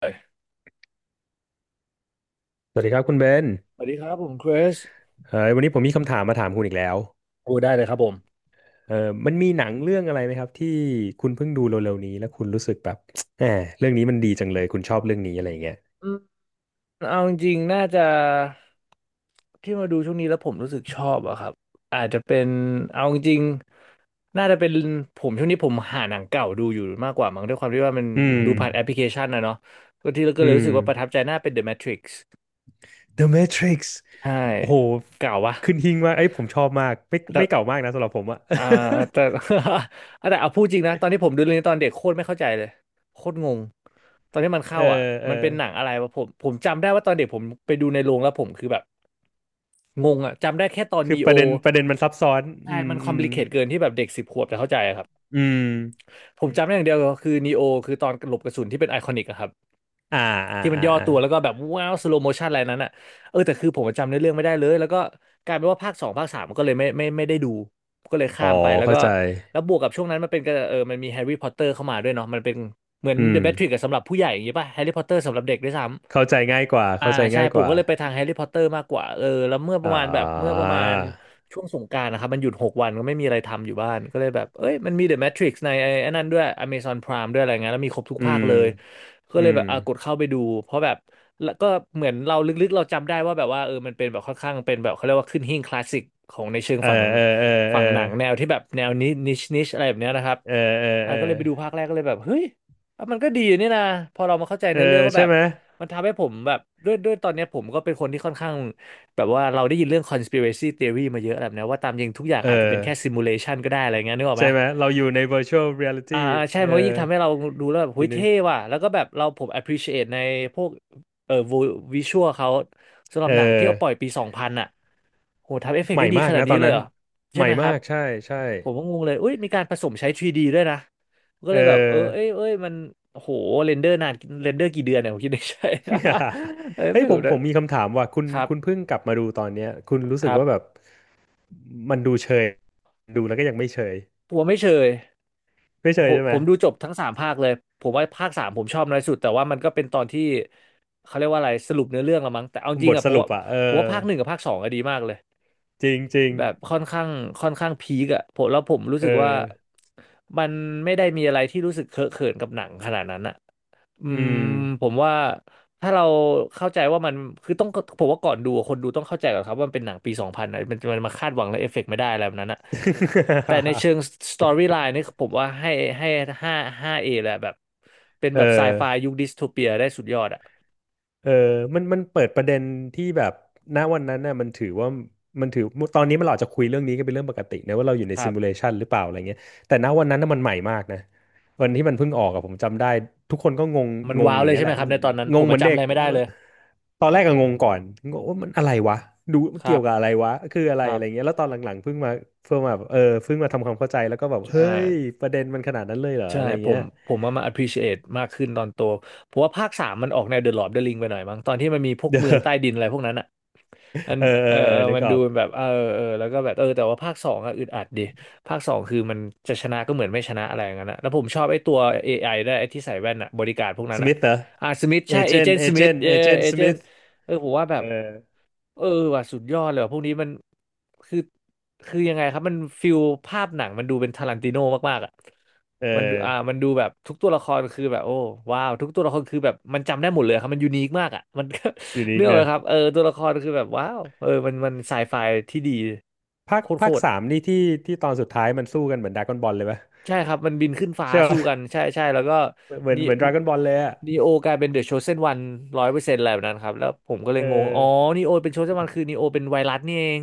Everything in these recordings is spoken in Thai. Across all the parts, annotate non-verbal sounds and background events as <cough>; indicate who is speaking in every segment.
Speaker 1: เลย
Speaker 2: สวัสดีครับคุณเบน
Speaker 1: สวัสดีครับผมคริส
Speaker 2: เออวันนี้ผมมีคำถามมาถามคุณอีกแล้ว
Speaker 1: โอ้ได้เลยครับผม
Speaker 2: มันมีหนังเรื่องอะไรไหมครับที่คุณเพิ่งดูเร็วๆนี้แล้วคุณรู้สึกแบบ <tsk> แหมเรื่องนี้มันดีจังเลยคุณชอบเรื่องนี้อะไรอย่างเงี้ย
Speaker 1: อืมเอาจริงๆน่าจะที่มาดูช่วงนี้แล้วผมรู้สึกชอบอะครับอาจจะเป็นเอาจริงๆน่าจะเป็นผมช่วงนี้ผมหาหนังเก่าดูอยู่มากกว่ามั้งด้วยความที่ว่ามัน
Speaker 2: อือ
Speaker 1: ดู
Speaker 2: ม
Speaker 1: ผ่านแอปพลิเคชันนะเนาะก็ที่เราก็
Speaker 2: อื
Speaker 1: เลยรู้
Speaker 2: ม
Speaker 1: สึกว่าประทับใจน่าเป็น The Matrix
Speaker 2: The Matrix
Speaker 1: ใช่
Speaker 2: โอ้โห
Speaker 1: เก่าวะ
Speaker 2: ขึ้นหิ้งมากไอ้ยผมชอบมากไม่เก่ามากนะสำหรับผมอะ
Speaker 1: อ่าแต่ <laughs> แต่เอาพูดจริงนะตอนที่ผมดูเรื่องนี้ตอนเด็กโคตรไม่เข้าใจเลยโคตรงงตอนที่มัน
Speaker 2: <laughs> เอ
Speaker 1: เข้าอ่ะ
Speaker 2: อเออ
Speaker 1: มันเป็นหนังอะไรวะผมจำได้ว่าตอนเด็กผมไปดูในโรงแล้วผมคือแบบงงอ่ะจำได้แค่ตอน
Speaker 2: คือ
Speaker 1: นี
Speaker 2: ป
Speaker 1: โอ
Speaker 2: ระเด็นประเด็นมันซับซ้อนอื
Speaker 1: ใช่
Speaker 2: ม
Speaker 1: มันค
Speaker 2: อื
Speaker 1: อมพ
Speaker 2: ม
Speaker 1: ลีเคทเกินที่แบบเด็กสิบขวบจะเข้าใจอะครับ
Speaker 2: อืม
Speaker 1: ผมจำได้อย่างเดียวคือนีโอคือตอนหลบกระสุนที่เป็นไอคอนิกอะครับ
Speaker 2: อ่าอ่า
Speaker 1: ที่มัน
Speaker 2: อ่า
Speaker 1: ย่อ
Speaker 2: อา
Speaker 1: ตัวแล้วก็แบบว้าวสโลโมชันอะไรนั้นอ่ะเออแต่คือผมจำเนื้อเรื่องไม่ได้เลยแล้วก็กลายเป็นว่าภาคสองภาคสามก็เลยไม่ได้ดูก็เลย
Speaker 2: อ๋อ
Speaker 1: ข้ามไปแล้ว
Speaker 2: เข้า
Speaker 1: ก็
Speaker 2: ใจ
Speaker 1: แล้วบวกกับช่วงนั้นมันเป็นก็เออมันมีแฮร์รี่พอตเตอร์เข้ามาด้วยเนาะมันเป็นเหมือน
Speaker 2: อื
Speaker 1: เด
Speaker 2: ม
Speaker 1: อะแมทริกซ์สำหรับผู้ใหญ่อย่างงี้ป่ะแฮร์รี่พอตเตอร์สำหรับเด็กด้วยซ้ำ
Speaker 2: เข้าใจง่ายกว่า
Speaker 1: อ่า
Speaker 2: เข้าใจ
Speaker 1: ใช่
Speaker 2: ง่าย
Speaker 1: ผ
Speaker 2: ก
Speaker 1: ม
Speaker 2: ว่า
Speaker 1: ก็เลยไปทางแฮร์รี่พอตเตอร์มากกว่าเออแล้ว
Speaker 2: อ่
Speaker 1: เมื่อประมาณ
Speaker 2: า
Speaker 1: ช่วงสงกรานต์นะครับมันหยุดหกวันก็ไม่มีอะไรทำอยู่บ้านก็เลยแบบเอ้ยมันมีเดอะแมทริกในไอ้อันนั้นด้วย Amazon Prime ด้วยอะไรเงี้ยแล้วมีครบทุก
Speaker 2: อื
Speaker 1: ภาค
Speaker 2: ม
Speaker 1: เลย ก็
Speaker 2: อื
Speaker 1: เลยแบ
Speaker 2: ม
Speaker 1: บอ่ะกดเข้าไปดูเพราะแบบแล้วก็เหมือนเราลึกๆเราจำได้ว่าแบบว่าเออมันเป็นแบบค่อนข้างเป็นแบบเขาเรียกว่าขึ้นหิ้งคลาสสิกของในเชิง
Speaker 2: เออ
Speaker 1: ฝั่ง
Speaker 2: เออเอ
Speaker 1: ฝั่งหนัง
Speaker 2: อ
Speaker 1: แนวที่แบบแนวนิชอะไรแบบเนี้ยนะครับ
Speaker 2: เออเออ
Speaker 1: อ่ะ
Speaker 2: เออ
Speaker 1: ก็เล
Speaker 2: เอ
Speaker 1: ยไปดูภาค
Speaker 2: อ
Speaker 1: แรกก็เลยแบบเฮ้ยอ่ะมันก็ดีนี่นะพอเรามาเข้าใจ
Speaker 2: เออ
Speaker 1: เนื้อเรื่องก็
Speaker 2: ใช่
Speaker 1: แบบ
Speaker 2: ไหม
Speaker 1: มันทำให้ผมแบบด้วยตอนเนี้ยผมก็เป็นคนที่ค่อนข้างแบบว่าเราได้ยินเรื่อง conspiracy theory มาเยอะแบบเนี้ยว่าตามจริงทุกอย่าง
Speaker 2: เอ
Speaker 1: อาจจะเป็น
Speaker 2: อ
Speaker 1: แค่ simulation ก็ได้อะไรเงี้ยนึกออก
Speaker 2: ใช่
Speaker 1: ไหม
Speaker 2: ไหมเราอยู่ใน virtual reality
Speaker 1: อ่าใช่
Speaker 2: เออ
Speaker 1: มันก็ยิ่งทำให้เราดูแล้วแบบ
Speaker 2: อ
Speaker 1: หุ้
Speaker 2: ยู่
Speaker 1: ย
Speaker 2: ใน
Speaker 1: เท่ว่ะแล้วก็แบบเราผม appreciate ในพวกเอ่อวิชวลเขาสำหรั
Speaker 2: เอ
Speaker 1: บหนังที่เอาปล่อย
Speaker 2: อ
Speaker 1: ปีสองพันอ่ะโหทำเอฟเฟก
Speaker 2: ให
Speaker 1: ต์
Speaker 2: ม่
Speaker 1: ได้ดี
Speaker 2: มา
Speaker 1: ข
Speaker 2: ก
Speaker 1: นาด
Speaker 2: นะต
Speaker 1: นี้
Speaker 2: อน
Speaker 1: เลย
Speaker 2: นั้น
Speaker 1: เหรอใช่
Speaker 2: ใหม่
Speaker 1: ไหมค
Speaker 2: มา
Speaker 1: รับ
Speaker 2: กใช่ ใช่
Speaker 1: ผมก็งงเลยอุ้ยมีการผสมใช้ 3D ดด้วยนะก็
Speaker 2: เอ
Speaker 1: เลยแบบเออ
Speaker 2: อ
Speaker 1: เอ้ยมันโหเรนเดอร์นานเรนเดอร์กี่เดือนเนี่ยผมคิดในใจ
Speaker 2: <laughs>
Speaker 1: <laughs> เอ้ย
Speaker 2: เฮ้ย
Speaker 1: ไม่
Speaker 2: ผ
Speaker 1: รู้
Speaker 2: มผ
Speaker 1: นะ
Speaker 2: มมีคำถามว่าคุณ
Speaker 1: ครับ
Speaker 2: คุณเพิ่งกลับมาดูตอนเนี้ยคุณรู้
Speaker 1: ค
Speaker 2: สึก
Speaker 1: รั
Speaker 2: ว่าแบบ
Speaker 1: บ
Speaker 2: มันดูเชยดูแล้วก็ยังไม่เชย
Speaker 1: ผมว่าไม่เชย
Speaker 2: ไม่เช
Speaker 1: ผ
Speaker 2: ย
Speaker 1: ม
Speaker 2: ใช่ไห
Speaker 1: ผ
Speaker 2: ม
Speaker 1: มดูจบทั้งสามภาคเลยผมว่าภาคสามผมชอบน้อยสุดแต่ว่ามันก็เป็นตอนที่เขาเรียกว่าอะไรสรุปเนื้อเรื่องละมั้งแต่เอาจ
Speaker 2: บ
Speaker 1: ริง
Speaker 2: ท
Speaker 1: อะ
Speaker 2: ส
Speaker 1: ผม
Speaker 2: รุป
Speaker 1: ว่า
Speaker 2: อ่ะเออ
Speaker 1: ผมว่าภาคหนึ่งกับภาคสองอะดีมากเลย
Speaker 2: จริงจริง
Speaker 1: แบบค่อนข้างพีคอะผมแล้วผมรู้
Speaker 2: เอ
Speaker 1: สึ
Speaker 2: อ
Speaker 1: กว่ามันไม่ได้มีอะไรที่รู้สึกเคอะเขินกับหนังขนาดนั้นอะ อื
Speaker 2: อื
Speaker 1: ม
Speaker 2: ม
Speaker 1: ผมว่าถ้าเราเข้าใจว่ามันคือต้องผมว่าก่อนดูอะคนดูต้องเข้าใจก่อนครับว่ามันเป็นหนังปีสองพันนะมันมันมาคาดหวังและเอฟเฟกต์ไม่ได้อะไรแบบนั้นอะแต่ในเชิงสตอรี่ไลน์นี่ผมว่าให้ห้าห้าเอแหละแบบเป็น
Speaker 2: <laughs>
Speaker 1: แบบไซ
Speaker 2: เออ
Speaker 1: ไฟยุคดิสโทเปียได้สุดยอดอะ
Speaker 2: เออมันมันเปิดประเด็นที่แบบณวันนั้นน่ะมันถือว่ามันถือตอนนี้มันเราอาจจะคุยเรื่องนี้กันเป็นเรื่องปกตินะว่าเราอยู่ใน
Speaker 1: ครั
Speaker 2: ซิมูเล
Speaker 1: บ
Speaker 2: ชันหรือเปล่าอะไรเงี้ยแต่ณวันนั้นน่ะมันใหม่มากนะวันที่มันเพิ่งออกอะผมจำได้ทุกคนก็งง
Speaker 1: มัน
Speaker 2: งง
Speaker 1: ว้าว
Speaker 2: อย่า
Speaker 1: เล
Speaker 2: ง
Speaker 1: ย
Speaker 2: เงี้ย
Speaker 1: ใช่
Speaker 2: แห
Speaker 1: ไหม
Speaker 2: ละ
Speaker 1: ครับในตอนนั้น
Speaker 2: ง
Speaker 1: ผ
Speaker 2: ง
Speaker 1: ม
Speaker 2: เห
Speaker 1: มา
Speaker 2: มือน
Speaker 1: จำ
Speaker 2: เด็
Speaker 1: อะ
Speaker 2: ก
Speaker 1: ไรไม่
Speaker 2: เออ
Speaker 1: ได้เลย
Speaker 2: ตอนแรกก็งงก่อนงงว่ามันอะไรวะดู
Speaker 1: ค
Speaker 2: เกี่
Speaker 1: รั
Speaker 2: ย
Speaker 1: บ
Speaker 2: วกับอะไรวะคืออะไร
Speaker 1: ครั
Speaker 2: อะ
Speaker 1: บ
Speaker 2: ไรเงี้ยแล้วตอนหลังๆเพิ่งมาเพิ่งมาแบบเออเพิ่งมาทำความเข้าใจแล้วก็แบบเฮ้
Speaker 1: ใช่
Speaker 2: ยประเด็นมันขนาดนั้นเลยเหรอ
Speaker 1: ใช่
Speaker 2: อะไร
Speaker 1: ผ
Speaker 2: เงี้ย
Speaker 1: มผมว่ามา appreciate มากขึ้นตอนโตผมว่าภาคสามมันออกแนว The Lord of the Ring ไปหน่อยมั้งตอนที่มันมีพวก
Speaker 2: <laughs>
Speaker 1: เมืองใต้
Speaker 2: เออ
Speaker 1: ดินอะไรพวกนั้นอะ มัน
Speaker 2: เออเออ
Speaker 1: เออ
Speaker 2: เออ
Speaker 1: เออ
Speaker 2: นึก
Speaker 1: มัน
Speaker 2: อ
Speaker 1: ดู
Speaker 2: อก
Speaker 1: แบบเออเออแล้วก็แบบเออแต่ว่าภาคสองอะอึดอัดดิภาคสองคือมันจะชนะก็เหมือนไม่ชนะอะไรอย่างนั้นนะแล้วผมชอบไอ้ตัว AI ไอได้วยไอ้ที่ใส่แว่นอะบริการพวกนั้
Speaker 2: ส
Speaker 1: นอะ
Speaker 2: มิธเหรอ
Speaker 1: อ่ะสมิธใช่เอเจนต์สมิธเอ
Speaker 2: เอเจน
Speaker 1: เอ
Speaker 2: ต์ส
Speaker 1: เจน
Speaker 2: มิธ
Speaker 1: ต์เออผมว่าแบ
Speaker 2: เอ
Speaker 1: บ
Speaker 2: อ
Speaker 1: เออว่ะสุดยอดเลยว่ะพวกนี้มันคือคือยังไงครับมันฟิลภาพหนังมันดูเป็นทารันติโนมากๆอ่ะ
Speaker 2: เอ
Speaker 1: มันดู
Speaker 2: อ
Speaker 1: มันดูแบบทุกตัวละครคือแบบโอ้ว้าวทุกตัวละครคือแบบมันจำได้หมดเลยครับมันยูนิคมากอ่ะมัน
Speaker 2: อยู่
Speaker 1: <laughs>
Speaker 2: นีก
Speaker 1: เนื้ออ
Speaker 2: เน
Speaker 1: กไหม
Speaker 2: อะ
Speaker 1: ครับเออตัวละครคือแบบว้าวเออมันมันไซไฟที่ดี
Speaker 2: ภาค
Speaker 1: โค
Speaker 2: ภาค
Speaker 1: ตร
Speaker 2: สามนี่ที่ที่ตอนสุดท้ายมันสู้กันเหมือนดราก้อนบอลเลยปะ
Speaker 1: ๆใช่ครับมันบินขึ้นฟ้า
Speaker 2: ใช่
Speaker 1: สู้
Speaker 2: ปะ
Speaker 1: กันใช่ใช่แล้วก็
Speaker 2: เหมือน
Speaker 1: นี่
Speaker 2: เหมือนดราก้อนบอลเลยอ่ะ
Speaker 1: นีโอกลายเป็นเดอะโชเซนวัน100%อะไรแบบนั้นครับแล้วผมก็เล
Speaker 2: เอ
Speaker 1: ย
Speaker 2: อ
Speaker 1: งงอ๋อนีโอเป็นโชเซนวันคือนีโอเป็นไวรัสนี่เอง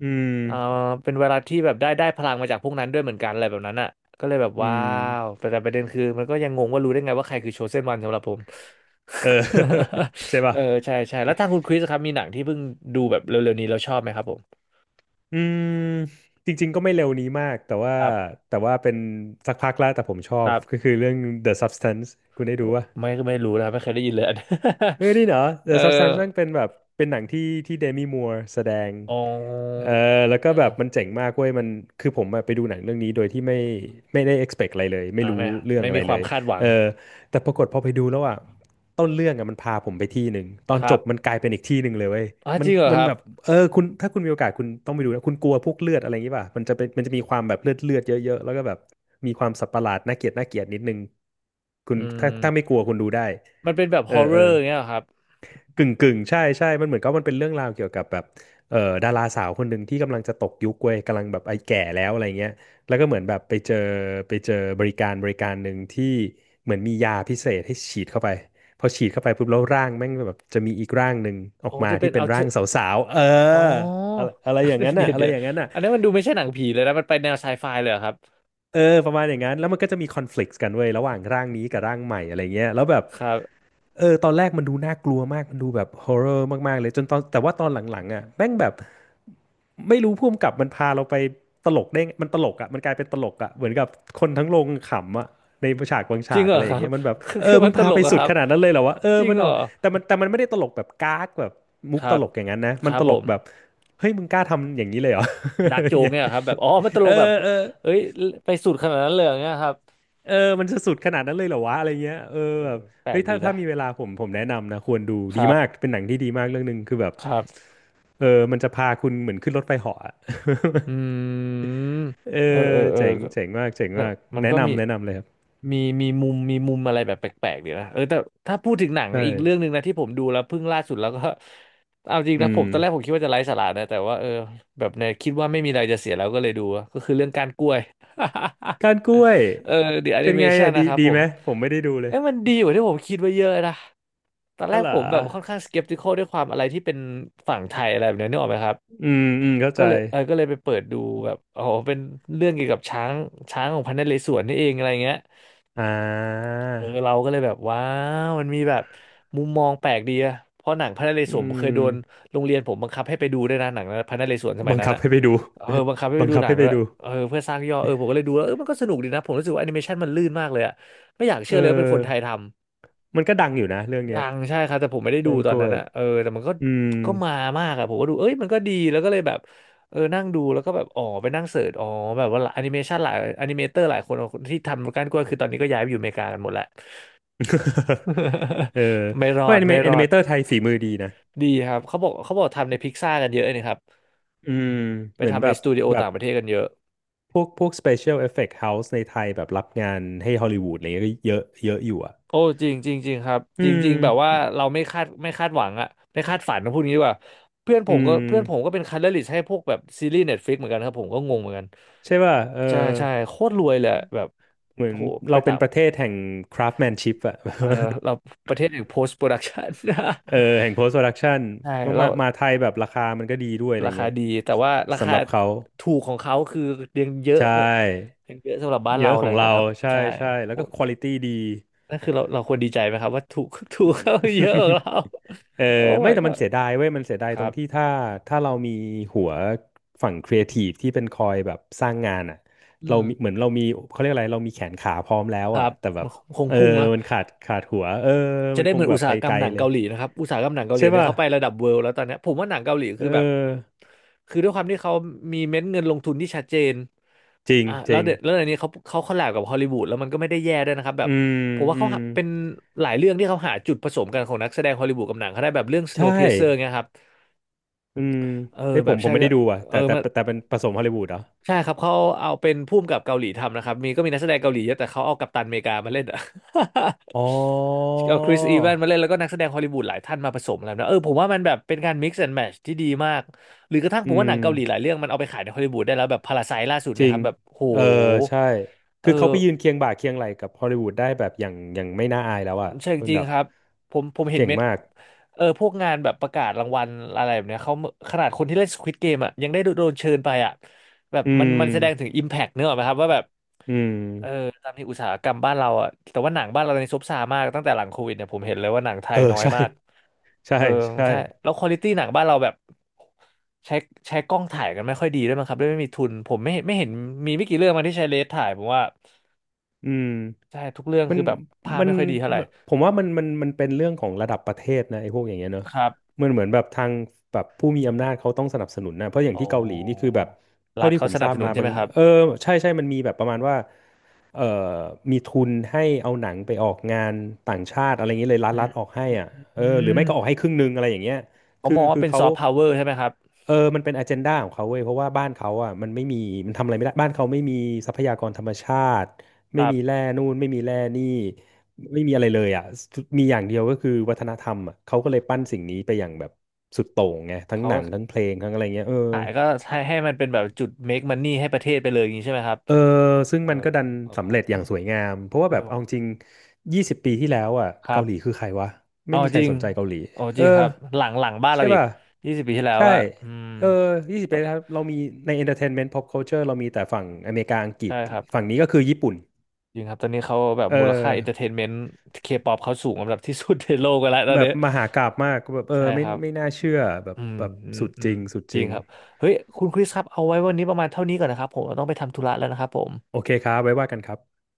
Speaker 2: อื
Speaker 1: เอ่อ
Speaker 2: ม
Speaker 1: เป็นเวลาที่แบบได้พลังมาจากพวกนั้นด้วยเหมือนกันอะไรแบบนั้นอ่ะก็เลยแบบ
Speaker 2: อื
Speaker 1: ว้าว
Speaker 2: ม
Speaker 1: แต่ประเด็นคือมันก็ยังงงว่ารู้ได้ไงว่าใครคือโชเซนวันสำหรับผม
Speaker 2: เออ
Speaker 1: <laughs>
Speaker 2: <laughs> ใช่
Speaker 1: เอ
Speaker 2: ป่ะ
Speaker 1: อใช่ใช่แล้วทางคุณคริสครับมีหนังที่เพิ่งดูแบบเร็วๆนี้แล้วชอบไหมครับผม
Speaker 2: อืมจริงๆก็ไม่เร็วนี้มากแต่ว่า
Speaker 1: ครับ
Speaker 2: แต่ว่าเป็นสักพักแล้วแต่ผมชอ
Speaker 1: ค
Speaker 2: บ
Speaker 1: รั
Speaker 2: ก็
Speaker 1: บ
Speaker 2: คือเรื่อง The Substance คุณได้ดูปะ
Speaker 1: ไม่รู้นะครับไม่เคยได้ยินเลยอัน
Speaker 2: เฮ้ยนี่เหรอ
Speaker 1: <laughs> เอ
Speaker 2: The
Speaker 1: อ
Speaker 2: Substance มันเป็นแบบเป็นหนังที่ที่เดมี่มัวร์แสดง
Speaker 1: อ๋
Speaker 2: เออ
Speaker 1: อ
Speaker 2: แล้วก็แบบมันเจ๋งมากเว้ยมันคือผมอะไปดูหนังเรื่องนี้โดยที่ไม่ได้ expect อะไรเลยไม่
Speaker 1: อ่า
Speaker 2: รู้
Speaker 1: ไม่
Speaker 2: เรื่อง
Speaker 1: ไม่
Speaker 2: อะไร
Speaker 1: มีค
Speaker 2: เล
Speaker 1: วาม
Speaker 2: ย
Speaker 1: คาดหวั
Speaker 2: เอ
Speaker 1: ง
Speaker 2: อแต่ปรากฏพอไปดูแล้วอะต้นเรื่องอะมันพาผมไปที่หนึ่งตอน
Speaker 1: ค
Speaker 2: จ
Speaker 1: รับ
Speaker 2: บมันกลายเป็นอีกที่หนึ่งเลยเว้ย
Speaker 1: อ่า
Speaker 2: มั
Speaker 1: จ
Speaker 2: น
Speaker 1: ริงเหรอ
Speaker 2: มั
Speaker 1: ค
Speaker 2: น
Speaker 1: รับ
Speaker 2: แบบเออคุณถ้าคุณมีโอกาสคุณต้องไปดูนะคุณกลัวพวกเลือดอะไรอย่างงี้ป่ะมันจะเป็นมันจะมีความแบบเลือดเลือดเยอะๆแล้วก็แบบมีความสัตว์ประหลาดน่าเกลียดน่าเกลียดนิดนึงคุ
Speaker 1: อื
Speaker 2: ณถ้า
Speaker 1: ม
Speaker 2: ถ้าไม่กลัวคุณดูได้
Speaker 1: มันเป็นแบบ
Speaker 2: เอ
Speaker 1: ฮ
Speaker 2: อ
Speaker 1: อ r ์เร
Speaker 2: เออ
Speaker 1: อร์เงี้ยเหรอครับ
Speaker 2: กึ่งกึ่งใช่ใช่มันเหมือนกับมันเป็นเรื่องราวเกี่ยวกับแบบดาราสาวคนหนึ่งที่กำลังจะตกยุคเว้ยกำลังแบบไอ้แก่แล้วอะไรเงี้ยแล้วก็เหมือนแบบไปเจอไปเจอบริการบริการหนึ่งที่เหมือนมียาพิเศษให้ฉีดเข้าไปพอฉีดเข้าไปปุ๊บแล้วร่างแม่งแบบจะมีอีกร่างหนึ่งออ
Speaker 1: โอ้
Speaker 2: กมา
Speaker 1: จะเป็
Speaker 2: ที่
Speaker 1: น
Speaker 2: เป็
Speaker 1: เอา
Speaker 2: นร่างสาวๆเออ
Speaker 1: อ๋อ
Speaker 2: อะไรอะไรอย่างนั้
Speaker 1: <laughs>
Speaker 2: น
Speaker 1: เดี๋
Speaker 2: น่ะ
Speaker 1: ยว
Speaker 2: อะไร
Speaker 1: เดี๋ยว
Speaker 2: อย่างนั้นน่ะ
Speaker 1: อันนั้นมันดูไม่ใช่หนังผีเลยนะมันไปแนวไซไฟเลยเหรอครับ
Speaker 2: เออประมาณอย่างนั้นแล้วมันก็จะมีคอนฟ lict กต์กันเว้ยระหว่างร่างนี้กับร่างใหม่อะไรเงี้ยแล้วแบบ
Speaker 1: ครับ
Speaker 2: เออตอนแรกมันดูน่ากลัวมากมันดูแบบฮอ r ์เรอร์มากๆเลยจนตอนแต่ว่าตอนหลังๆอ่ะแม่งแบบไม่รู้ผู้กกับมันพาเราไปตลกได้ไงมันตลกอ่ะมันกลายเป็นตลกอ่ะเหมือนกับคนทั้งโรงขำอ่ะในฉากบาง
Speaker 1: จริ
Speaker 2: ฉา
Speaker 1: ง
Speaker 2: ก
Speaker 1: เหร
Speaker 2: อะ
Speaker 1: อ
Speaker 2: ไร
Speaker 1: ค
Speaker 2: อย่า
Speaker 1: รั
Speaker 2: ง
Speaker 1: บ
Speaker 2: เงี้ยมันแบบ
Speaker 1: <laughs> คือ
Speaker 2: เอ
Speaker 1: คื
Speaker 2: อ
Speaker 1: อ
Speaker 2: มึ
Speaker 1: มัน
Speaker 2: ง
Speaker 1: ต
Speaker 2: พา
Speaker 1: ล
Speaker 2: ไป
Speaker 1: กเหรอะ
Speaker 2: สุ
Speaker 1: ค
Speaker 2: ด
Speaker 1: รับ
Speaker 2: ขนาดนั้นเลยเหรอวะเออ
Speaker 1: จริง
Speaker 2: มัน
Speaker 1: เหร
Speaker 2: เอา
Speaker 1: อ
Speaker 2: แต่มันแต่มันไม่ได้ตลกแบบก๊ากแบบมุ
Speaker 1: ค
Speaker 2: กต
Speaker 1: รับ
Speaker 2: ลกอย่างนั้นนะ
Speaker 1: ค
Speaker 2: มัน
Speaker 1: รับ
Speaker 2: ต
Speaker 1: ผ
Speaker 2: ลก
Speaker 1: ม
Speaker 2: แบบเฮ้ยมึงกล้าทำอย่างนี้เลยเหรอ
Speaker 1: ดาร์ก
Speaker 2: <laughs>
Speaker 1: โจ
Speaker 2: อย่าง
Speaker 1: ก
Speaker 2: เงี้ย
Speaker 1: เนี่ยเหรอครับแบบอ๋อมันตล
Speaker 2: เอ
Speaker 1: กแบบ
Speaker 2: อเออ
Speaker 1: เอ้ยไปสุดขนาดนั้นเลยอย่างเงี้ยครับ
Speaker 2: เออมันจะสุดขนาดนั้นเลยเหรอวะอะไรเงี้ย เออ
Speaker 1: เอ
Speaker 2: แบบ
Speaker 1: อแปล
Speaker 2: เฮ้
Speaker 1: ก
Speaker 2: ย
Speaker 1: ดี
Speaker 2: ถ้า
Speaker 1: นะ
Speaker 2: ถ้ามีเวลาผมแนะนำนะ ควรดู
Speaker 1: ค
Speaker 2: ดี
Speaker 1: รับ
Speaker 2: มาก เป็นหนังที่ดีมากเรื่องหนึ่งคือแบบ
Speaker 1: ครับ
Speaker 2: เออมันจะพาคุณเหมือนขึ้นรถไฟเหาะอะ
Speaker 1: อืม
Speaker 2: <laughs> เอ
Speaker 1: เออเอ
Speaker 2: อ
Speaker 1: อเออ
Speaker 2: เจ๋ง
Speaker 1: ก็
Speaker 2: เจ๋งมากเจ๋ง
Speaker 1: แต่
Speaker 2: มาก
Speaker 1: มัน
Speaker 2: แนะ
Speaker 1: ก็มี
Speaker 2: นำแนะนำเลยครับ
Speaker 1: มีมีมุมมีมุมอะไรแบบแปลกๆดีนะเออแต่ถ้าพูดถึงหนัง
Speaker 2: ใช่
Speaker 1: อีกเรื่องหนึ่งนะที่ผมดูแล้วเพิ่งล่าสุดแล้วก็ <laughs> เอาจริง
Speaker 2: อื
Speaker 1: นะผม
Speaker 2: ม
Speaker 1: ตอนแรกผมคิดว่าจะไร้สาระนะแต่ว่าเออแบบเนี่ยคิดว่าไม่มีอะไรจะเสียแล้วก็เลยดูก็คือเรื่องการกล้วย
Speaker 2: การกล้วย
Speaker 1: <laughs> เออ The
Speaker 2: เป็นไง
Speaker 1: Animation
Speaker 2: อ่ะดี
Speaker 1: นะครับ
Speaker 2: ดี
Speaker 1: ผม
Speaker 2: ไหมผมไม่ได้ดูเลย
Speaker 1: เอ้ยมันดีกว่าที่ผมคิดไว้เยอะนะตอน
Speaker 2: อ๋
Speaker 1: แร
Speaker 2: อ
Speaker 1: ก
Speaker 2: เหร
Speaker 1: ผ
Speaker 2: อ
Speaker 1: มแบบค่อนข้างสเก p t ิค a ลด้วยความอะไรที่เป็นฝั่งไทยอะไรแบบเนี้ยนึกออกไหมครับ
Speaker 2: อืมอืมเข้า
Speaker 1: ก็
Speaker 2: ใจ
Speaker 1: เลยเออก็เลยไปเปิดดูแบบอ๋อเป็นเรื่องเกี่ยวกับช้างของพระนเรศวรนี่เองอะไรเงี้ย
Speaker 2: อ่า
Speaker 1: เออเราก็เลยแบบว้าวมันมีแบบมุมมองแปลกดีอะเพราะหนังพระนเร
Speaker 2: อื
Speaker 1: ศวรผมเคยโดน
Speaker 2: ม
Speaker 1: โรงเรียนผมบังคับให้ไปดูด้วยนะหนังพระนเรศวรสมัย
Speaker 2: บัง
Speaker 1: นั้น
Speaker 2: คับ
Speaker 1: อะ
Speaker 2: ให้ไปดู
Speaker 1: เออบังคับให้
Speaker 2: <laughs>
Speaker 1: ไป
Speaker 2: บัง
Speaker 1: ดู
Speaker 2: คับ
Speaker 1: หนัง
Speaker 2: ให้ไป
Speaker 1: ด้วย
Speaker 2: ดู
Speaker 1: เออเพื่อสร้างยอดเออผมก็เลยดูแล้วเออมันก็สนุกดีนะผมรู้สึกว่าแอนิเมชันมันลื่นมากเลยอะไม่อยากเชื่
Speaker 2: เอ
Speaker 1: อเลยว่าเป็นคนไทย
Speaker 2: อ
Speaker 1: ทำ
Speaker 2: มันก็ดังอยู่นะเรื่องเนี้
Speaker 1: ดั
Speaker 2: ย
Speaker 1: งใช่ครับแต่ผมไม่ได้ดู
Speaker 2: การ
Speaker 1: ตอ
Speaker 2: ก
Speaker 1: น
Speaker 2: ล้
Speaker 1: นั้
Speaker 2: ว
Speaker 1: น
Speaker 2: ย
Speaker 1: อะเออแต่มันก็
Speaker 2: อืม
Speaker 1: ก็มามากอะผมก็ดูเอ้ยมันก็ดีแล้วก็เลยแบบเออนั่งดูแล้วก็แบบอ๋อไปนั่งเสิร์ชอ๋อแบบว่าแอนิเมชันหลายแอนิเมเตอร์หลายคนที่ทำการกล้วยคือตอนนี้ก็ย้ายไปอยู่อเมริกากันหมดแล้ว
Speaker 2: <laughs> เออ
Speaker 1: <laughs> ไม่ร
Speaker 2: เพ
Speaker 1: อ
Speaker 2: ราะ
Speaker 1: ดไม่
Speaker 2: แอ
Speaker 1: ร
Speaker 2: นิ
Speaker 1: อ
Speaker 2: เม
Speaker 1: ด
Speaker 2: เตอร์ไทยฝีมือดีนะ
Speaker 1: ดีครับเขาบอกทำในพิกซ่ากันเยอะเลยนะครับ
Speaker 2: อืม
Speaker 1: ไป
Speaker 2: เหมือน
Speaker 1: ทำ
Speaker 2: แบ
Speaker 1: ใน
Speaker 2: บ
Speaker 1: สตูดิโอ
Speaker 2: แบบ
Speaker 1: ต่างประเทศกันเยอะ
Speaker 2: พวก Special Effect House ในไทยแบบรับงานให้ฮอลลีวูดอะไรเงี้ยก็เยอะเยอะอยู่อ่ะ
Speaker 1: โอ้จริงจริงจริงครับ
Speaker 2: อื
Speaker 1: จริ
Speaker 2: ม
Speaker 1: งๆแบบว่าเราไม่คาดหวังอะไม่คาดฝันนะพูดงี้ดีกว่าเพื่อนผ
Speaker 2: อื
Speaker 1: มก็
Speaker 2: ม
Speaker 1: เพื่อนผมก็เป็นคัลเลอร์ลิสต์ให้พวกแบบซีรีส์เน็ตฟลิกเหมือนกันครับผมก็งงเหมือนกัน
Speaker 2: ใช่ป่ะ เออ
Speaker 1: ใช่ใช่โคตรรวยเลยอะแบบ
Speaker 2: เหมือ
Speaker 1: โอ้
Speaker 2: น
Speaker 1: โหไป
Speaker 2: เราเป็
Speaker 1: ต่า
Speaker 2: น
Speaker 1: ง
Speaker 2: ประเทศแห่ง craftsmanship อะ <laughs>
Speaker 1: เออเราประเทศอย่ง post production
Speaker 2: เออแห่ง post production
Speaker 1: <laughs> ใช่
Speaker 2: ว่า
Speaker 1: แล้ว
Speaker 2: มาไทยแบบราคามันก็ดีด้วยอะไร
Speaker 1: ราคา
Speaker 2: เงี้ย
Speaker 1: ดีแต่ว่ารา
Speaker 2: สำ
Speaker 1: คา
Speaker 2: หรับเขา
Speaker 1: ถูกของเขาคือยังเยอะ
Speaker 2: ใช
Speaker 1: เออ
Speaker 2: ่
Speaker 1: ยังเยอะสำหรับบ้าน
Speaker 2: เย
Speaker 1: เรา
Speaker 2: อะข
Speaker 1: เล
Speaker 2: อ
Speaker 1: ย
Speaker 2: งเรา
Speaker 1: นะครับ
Speaker 2: ใช่
Speaker 1: ใช่
Speaker 2: ใช่
Speaker 1: โอ้
Speaker 2: แล้ว
Speaker 1: โห
Speaker 2: ก็ quality ดี
Speaker 1: นั่นคือเราเราควรดีใจไหมครับว่าถูก <laughs> ถูกเขาเยอะกว่าเรา
Speaker 2: <laughs> เออ
Speaker 1: โอ้
Speaker 2: ไม่
Speaker 1: my
Speaker 2: แต่มัน
Speaker 1: god
Speaker 2: เสียดายเว้ยมันเสียดาย
Speaker 1: ค
Speaker 2: ตร
Speaker 1: รั
Speaker 2: ง
Speaker 1: บ
Speaker 2: ที่ถ้าเรามีหัวฝั่งครีเอทีฟที่เป็นคอยแบบสร้างงานอ่ะ
Speaker 1: อื
Speaker 2: เรา
Speaker 1: ม
Speaker 2: มีเหมือนเรามีเขาเรียกอะไรเรามีแขนขาพร้อมแล้ว
Speaker 1: ครั
Speaker 2: อ่ะ
Speaker 1: บ
Speaker 2: แต่แบ
Speaker 1: มั
Speaker 2: บ
Speaker 1: นคง
Speaker 2: เออ
Speaker 1: พุ่งเนอะ
Speaker 2: มันขาดหัวเออ
Speaker 1: จะ
Speaker 2: มัน
Speaker 1: ได้
Speaker 2: ค
Speaker 1: เห
Speaker 2: ง
Speaker 1: มือน
Speaker 2: แบ
Speaker 1: อุ
Speaker 2: บ
Speaker 1: ตสา
Speaker 2: ไป
Speaker 1: หกร
Speaker 2: ไก
Speaker 1: รม
Speaker 2: ล
Speaker 1: หนัง
Speaker 2: เลย
Speaker 1: เกาหลีนะครับอุตสาหกรรมหนังเกาห
Speaker 2: ใช่
Speaker 1: ลีเนี่ย
Speaker 2: ป่ะ
Speaker 1: เขาไประดับเวิลด์แล้วตอนเนี้ยผมว่าหนังเกาหลี
Speaker 2: เ
Speaker 1: คือแบบ
Speaker 2: ออ
Speaker 1: คือด้วยความที่เขามีเม็ดเงินลงทุนที่ชัดเจน
Speaker 2: จริง
Speaker 1: อ่ะ
Speaker 2: จ
Speaker 1: แล้ว
Speaker 2: ริง
Speaker 1: เดี๋ยวแล้วในนี้เขาเขาคอลแลบกับฮอลลีวูดแล้วมันก็ไม่ได้แย่ด้วยนะครับแบ
Speaker 2: อื
Speaker 1: บ
Speaker 2: ม
Speaker 1: ผมว่า
Speaker 2: อื
Speaker 1: เขา
Speaker 2: ม
Speaker 1: หาเป็นหลายเรื่องที่เขาหาจุดผสมกันของนักแสดงฮอลลีวูดกับหนังเขาได้แบบเรื่อง
Speaker 2: ใช่
Speaker 1: Snowpiercer เงี้ยครับ
Speaker 2: อืม
Speaker 1: เออ
Speaker 2: เฮ้ย
Speaker 1: แบบ
Speaker 2: ผ
Speaker 1: ใช่
Speaker 2: มไม่
Speaker 1: ใช่
Speaker 2: ได้ดูอ่ะ
Speaker 1: เออมัน
Speaker 2: แต่เป็นผสมฮอลลีวูดเหรอ
Speaker 1: ใช่ครับเขาเอาเป็นผู้มกับเกาหลีทำนะครับมีก็มีนักแสดงเกาหลีเยอะแต่เขาเอากัปตันอเมริกามาเล่นอะ
Speaker 2: อ๋อ
Speaker 1: <laughs> เอาคริสอีแวนมาเล่นแล้วก็นักแสดงฮอลลีวูดหลายท่านมาผสมอะไรแบบนะเออผมว่ามันแบบเป็นการ mix and match ที่ดีมากหรือกระทั่ง
Speaker 2: อื
Speaker 1: ผมว่าหนั
Speaker 2: ม
Speaker 1: งเกาหลีหลายเรื่องมันเอาไปขายในฮอลลีวูดได้แล้วแบบพาราไซล่าสุด
Speaker 2: จ
Speaker 1: เนี่ย
Speaker 2: ริ
Speaker 1: ค
Speaker 2: ง
Speaker 1: รับแบบโห
Speaker 2: เออใช่
Speaker 1: เอ
Speaker 2: คือเขา
Speaker 1: อ
Speaker 2: ไปยืนเคียงบ่าเคียงไหล่กับฮอลลีวูดได้แบบอย่างไม่น่าอายแล้วอ่ะ
Speaker 1: ใช่
Speaker 2: คุณ
Speaker 1: จริง
Speaker 2: แบบ
Speaker 1: ครับผมเห็น
Speaker 2: เก่ง
Speaker 1: เม็ด
Speaker 2: มาก
Speaker 1: เออพวกงานแบบประกาศรางวัลอะไรแบบเนี้ยเขาขนาดคนที่เล่น Squid Game อ่ะยังได้โดนเชิญไปอ่ะแบบ
Speaker 2: อื
Speaker 1: มันแสดงถึง
Speaker 2: ม
Speaker 1: Impact เนกอะไหมครับว่าแบบ
Speaker 2: อืม
Speaker 1: เออตามที่อุตสาหกรรมบ้านเราอ่ะแต่ว่าหนังบ้านเราในซบเซามากตั้งแต่หลังโควิดเนี่ยผมเห็นเลยว่าหนังไท
Speaker 2: เอ
Speaker 1: ย
Speaker 2: อ
Speaker 1: น้อย
Speaker 2: ใช่
Speaker 1: มาก
Speaker 2: ใช่
Speaker 1: เออ
Speaker 2: ใช่
Speaker 1: ใช่แล้วควอลิตี้หนังบ้านเราแบบใช้ใช้กล้องถ่ายกันไม่ค่อยดีด้วยมั้งครับด้วยไม่มีทุนผมไม่เห็นมีไม่กี่เรื่องมาที่ใช้เลนส์ถ่ายผมว่า
Speaker 2: อืม
Speaker 1: ใช่ทุกเรื่อง
Speaker 2: มัน
Speaker 1: คือแบบภาพ
Speaker 2: มัน
Speaker 1: ไม่ค่อยดีเท่าไหร่
Speaker 2: มันผมว่ามันเป็นเรื่องของระดับประเทศนะไอ้พวกอย่างเงี้ยเนอะ
Speaker 1: ครับ
Speaker 2: มันเหมือนแบบทางแบบผู้มีอำนาจเขาต้องสนับสนุนนะเพราะอย่าง
Speaker 1: อ๋อ
Speaker 2: ที่เกาหลีนี่คือแบบ
Speaker 1: รั
Speaker 2: เท่า
Speaker 1: ฐ
Speaker 2: ที่
Speaker 1: เขา
Speaker 2: ผม
Speaker 1: ส
Speaker 2: ท
Speaker 1: นั
Speaker 2: รา
Speaker 1: บ
Speaker 2: บ
Speaker 1: สนุ
Speaker 2: มา
Speaker 1: นใช่
Speaker 2: บา
Speaker 1: ไห
Speaker 2: ง
Speaker 1: มครั
Speaker 2: เออ
Speaker 1: บ
Speaker 2: ใช่ใช่มันมีแบบประมาณว่าเอ่อมีทุนให้เอาหนังไปออกงานต่างชาติอะไรอย่างเงี้ยเลย
Speaker 1: อื
Speaker 2: รั
Speaker 1: ม
Speaker 2: ฐออกให้อ่ะเอ
Speaker 1: อื
Speaker 2: อหรือ
Speaker 1: ม
Speaker 2: ไม่ก็ออกให้ครึ่งหนึงอะไรอย่างเงี้ย
Speaker 1: เขามองว่า
Speaker 2: คือ
Speaker 1: เป็น
Speaker 2: เขา
Speaker 1: ซอฟต์พาวเวอร์ใช่ไหมครับ
Speaker 2: เออมันเป็นอ g e n d a ของเขาเว้ยเพราะว่าบ้านเขาอ่ะมันไม่มีมันทำอะไรไม่ได้บ้านเขาไม่มีทรัพยากรธรรมชาติ
Speaker 1: ค
Speaker 2: ไม่
Speaker 1: รั
Speaker 2: มีแร่
Speaker 1: บ
Speaker 2: นู่นไม่มีแร่นี่ไม่มีอะไรเลยอ่ะมีอย่างเดียวก็คือวัฒนธรรมอ่ะเขาก็เลยปั้นสิ่งนี้ไปอย่างแบบสุดโต่งไงทั้ง
Speaker 1: เขา
Speaker 2: หนังทั้งเพลงทั้งอะไรเงี้ยเออ
Speaker 1: ขายก็ให้ให้มันเป็นแบบจุด make money ให้ประเทศไปเลยอย่างนี้ใช่ไหมครับ
Speaker 2: เออซึ่ง
Speaker 1: เออ
Speaker 2: มันก็ดัน
Speaker 1: นึกออกค
Speaker 2: สำ
Speaker 1: รั
Speaker 2: เร็จ
Speaker 1: บ
Speaker 2: อย่างสวยงามเพราะว่า
Speaker 1: เออ
Speaker 2: แบบเอาจริงยี่สิบปีที่แล้วอ่ะ
Speaker 1: ครั
Speaker 2: เกา
Speaker 1: บ
Speaker 2: หลีคือใครวะไม่
Speaker 1: เอา
Speaker 2: มีใค
Speaker 1: จ
Speaker 2: ร
Speaker 1: ริง
Speaker 2: สนใจเกาหลี
Speaker 1: ๋อจ
Speaker 2: เอ
Speaker 1: ริ
Speaker 2: อ
Speaker 1: งครับหลังบ้านเรา
Speaker 2: ใช่
Speaker 1: อีก
Speaker 2: ป่ะ
Speaker 1: 20 ปีที่แล้ว
Speaker 2: ใช่
Speaker 1: อะอืม
Speaker 2: เออยี่สิบ
Speaker 1: ก็
Speaker 2: ปีแล้วเรามีใน entertainment pop culture เรามีแต่ฝั่งอเมริกาอังกฤ
Speaker 1: ใช่
Speaker 2: ษ
Speaker 1: ครับ
Speaker 2: ฝั่งนี้ก็คือญี่ปุ่น
Speaker 1: จริงครับตอนนี้เขาแบบ
Speaker 2: เออ
Speaker 1: มูลค่าเอนเตอร์เทนเมนต์เคป๊อปเขาสูงอันดับที่สุดในโลกกันแล้วตอน
Speaker 2: แบบ
Speaker 1: นี้
Speaker 2: มหากาพย์มากแบบเออ
Speaker 1: ใช่
Speaker 2: ไม่
Speaker 1: ครับ
Speaker 2: ไม่น่าเชื่อแบบ
Speaker 1: อืม
Speaker 2: แบบ
Speaker 1: อืม
Speaker 2: สุด
Speaker 1: อื
Speaker 2: จ
Speaker 1: ม
Speaker 2: ริงสุด
Speaker 1: จ
Speaker 2: จ
Speaker 1: ริง
Speaker 2: ริง
Speaker 1: ครับเฮ้ยคุณคริสครับเอาไว้วันนี้ประมาณเท่านี้ก่อนนะครับผมเราต้องไปทำธุระแล้วนะครับผม
Speaker 2: โอเคครับไว้ว่ากันครับ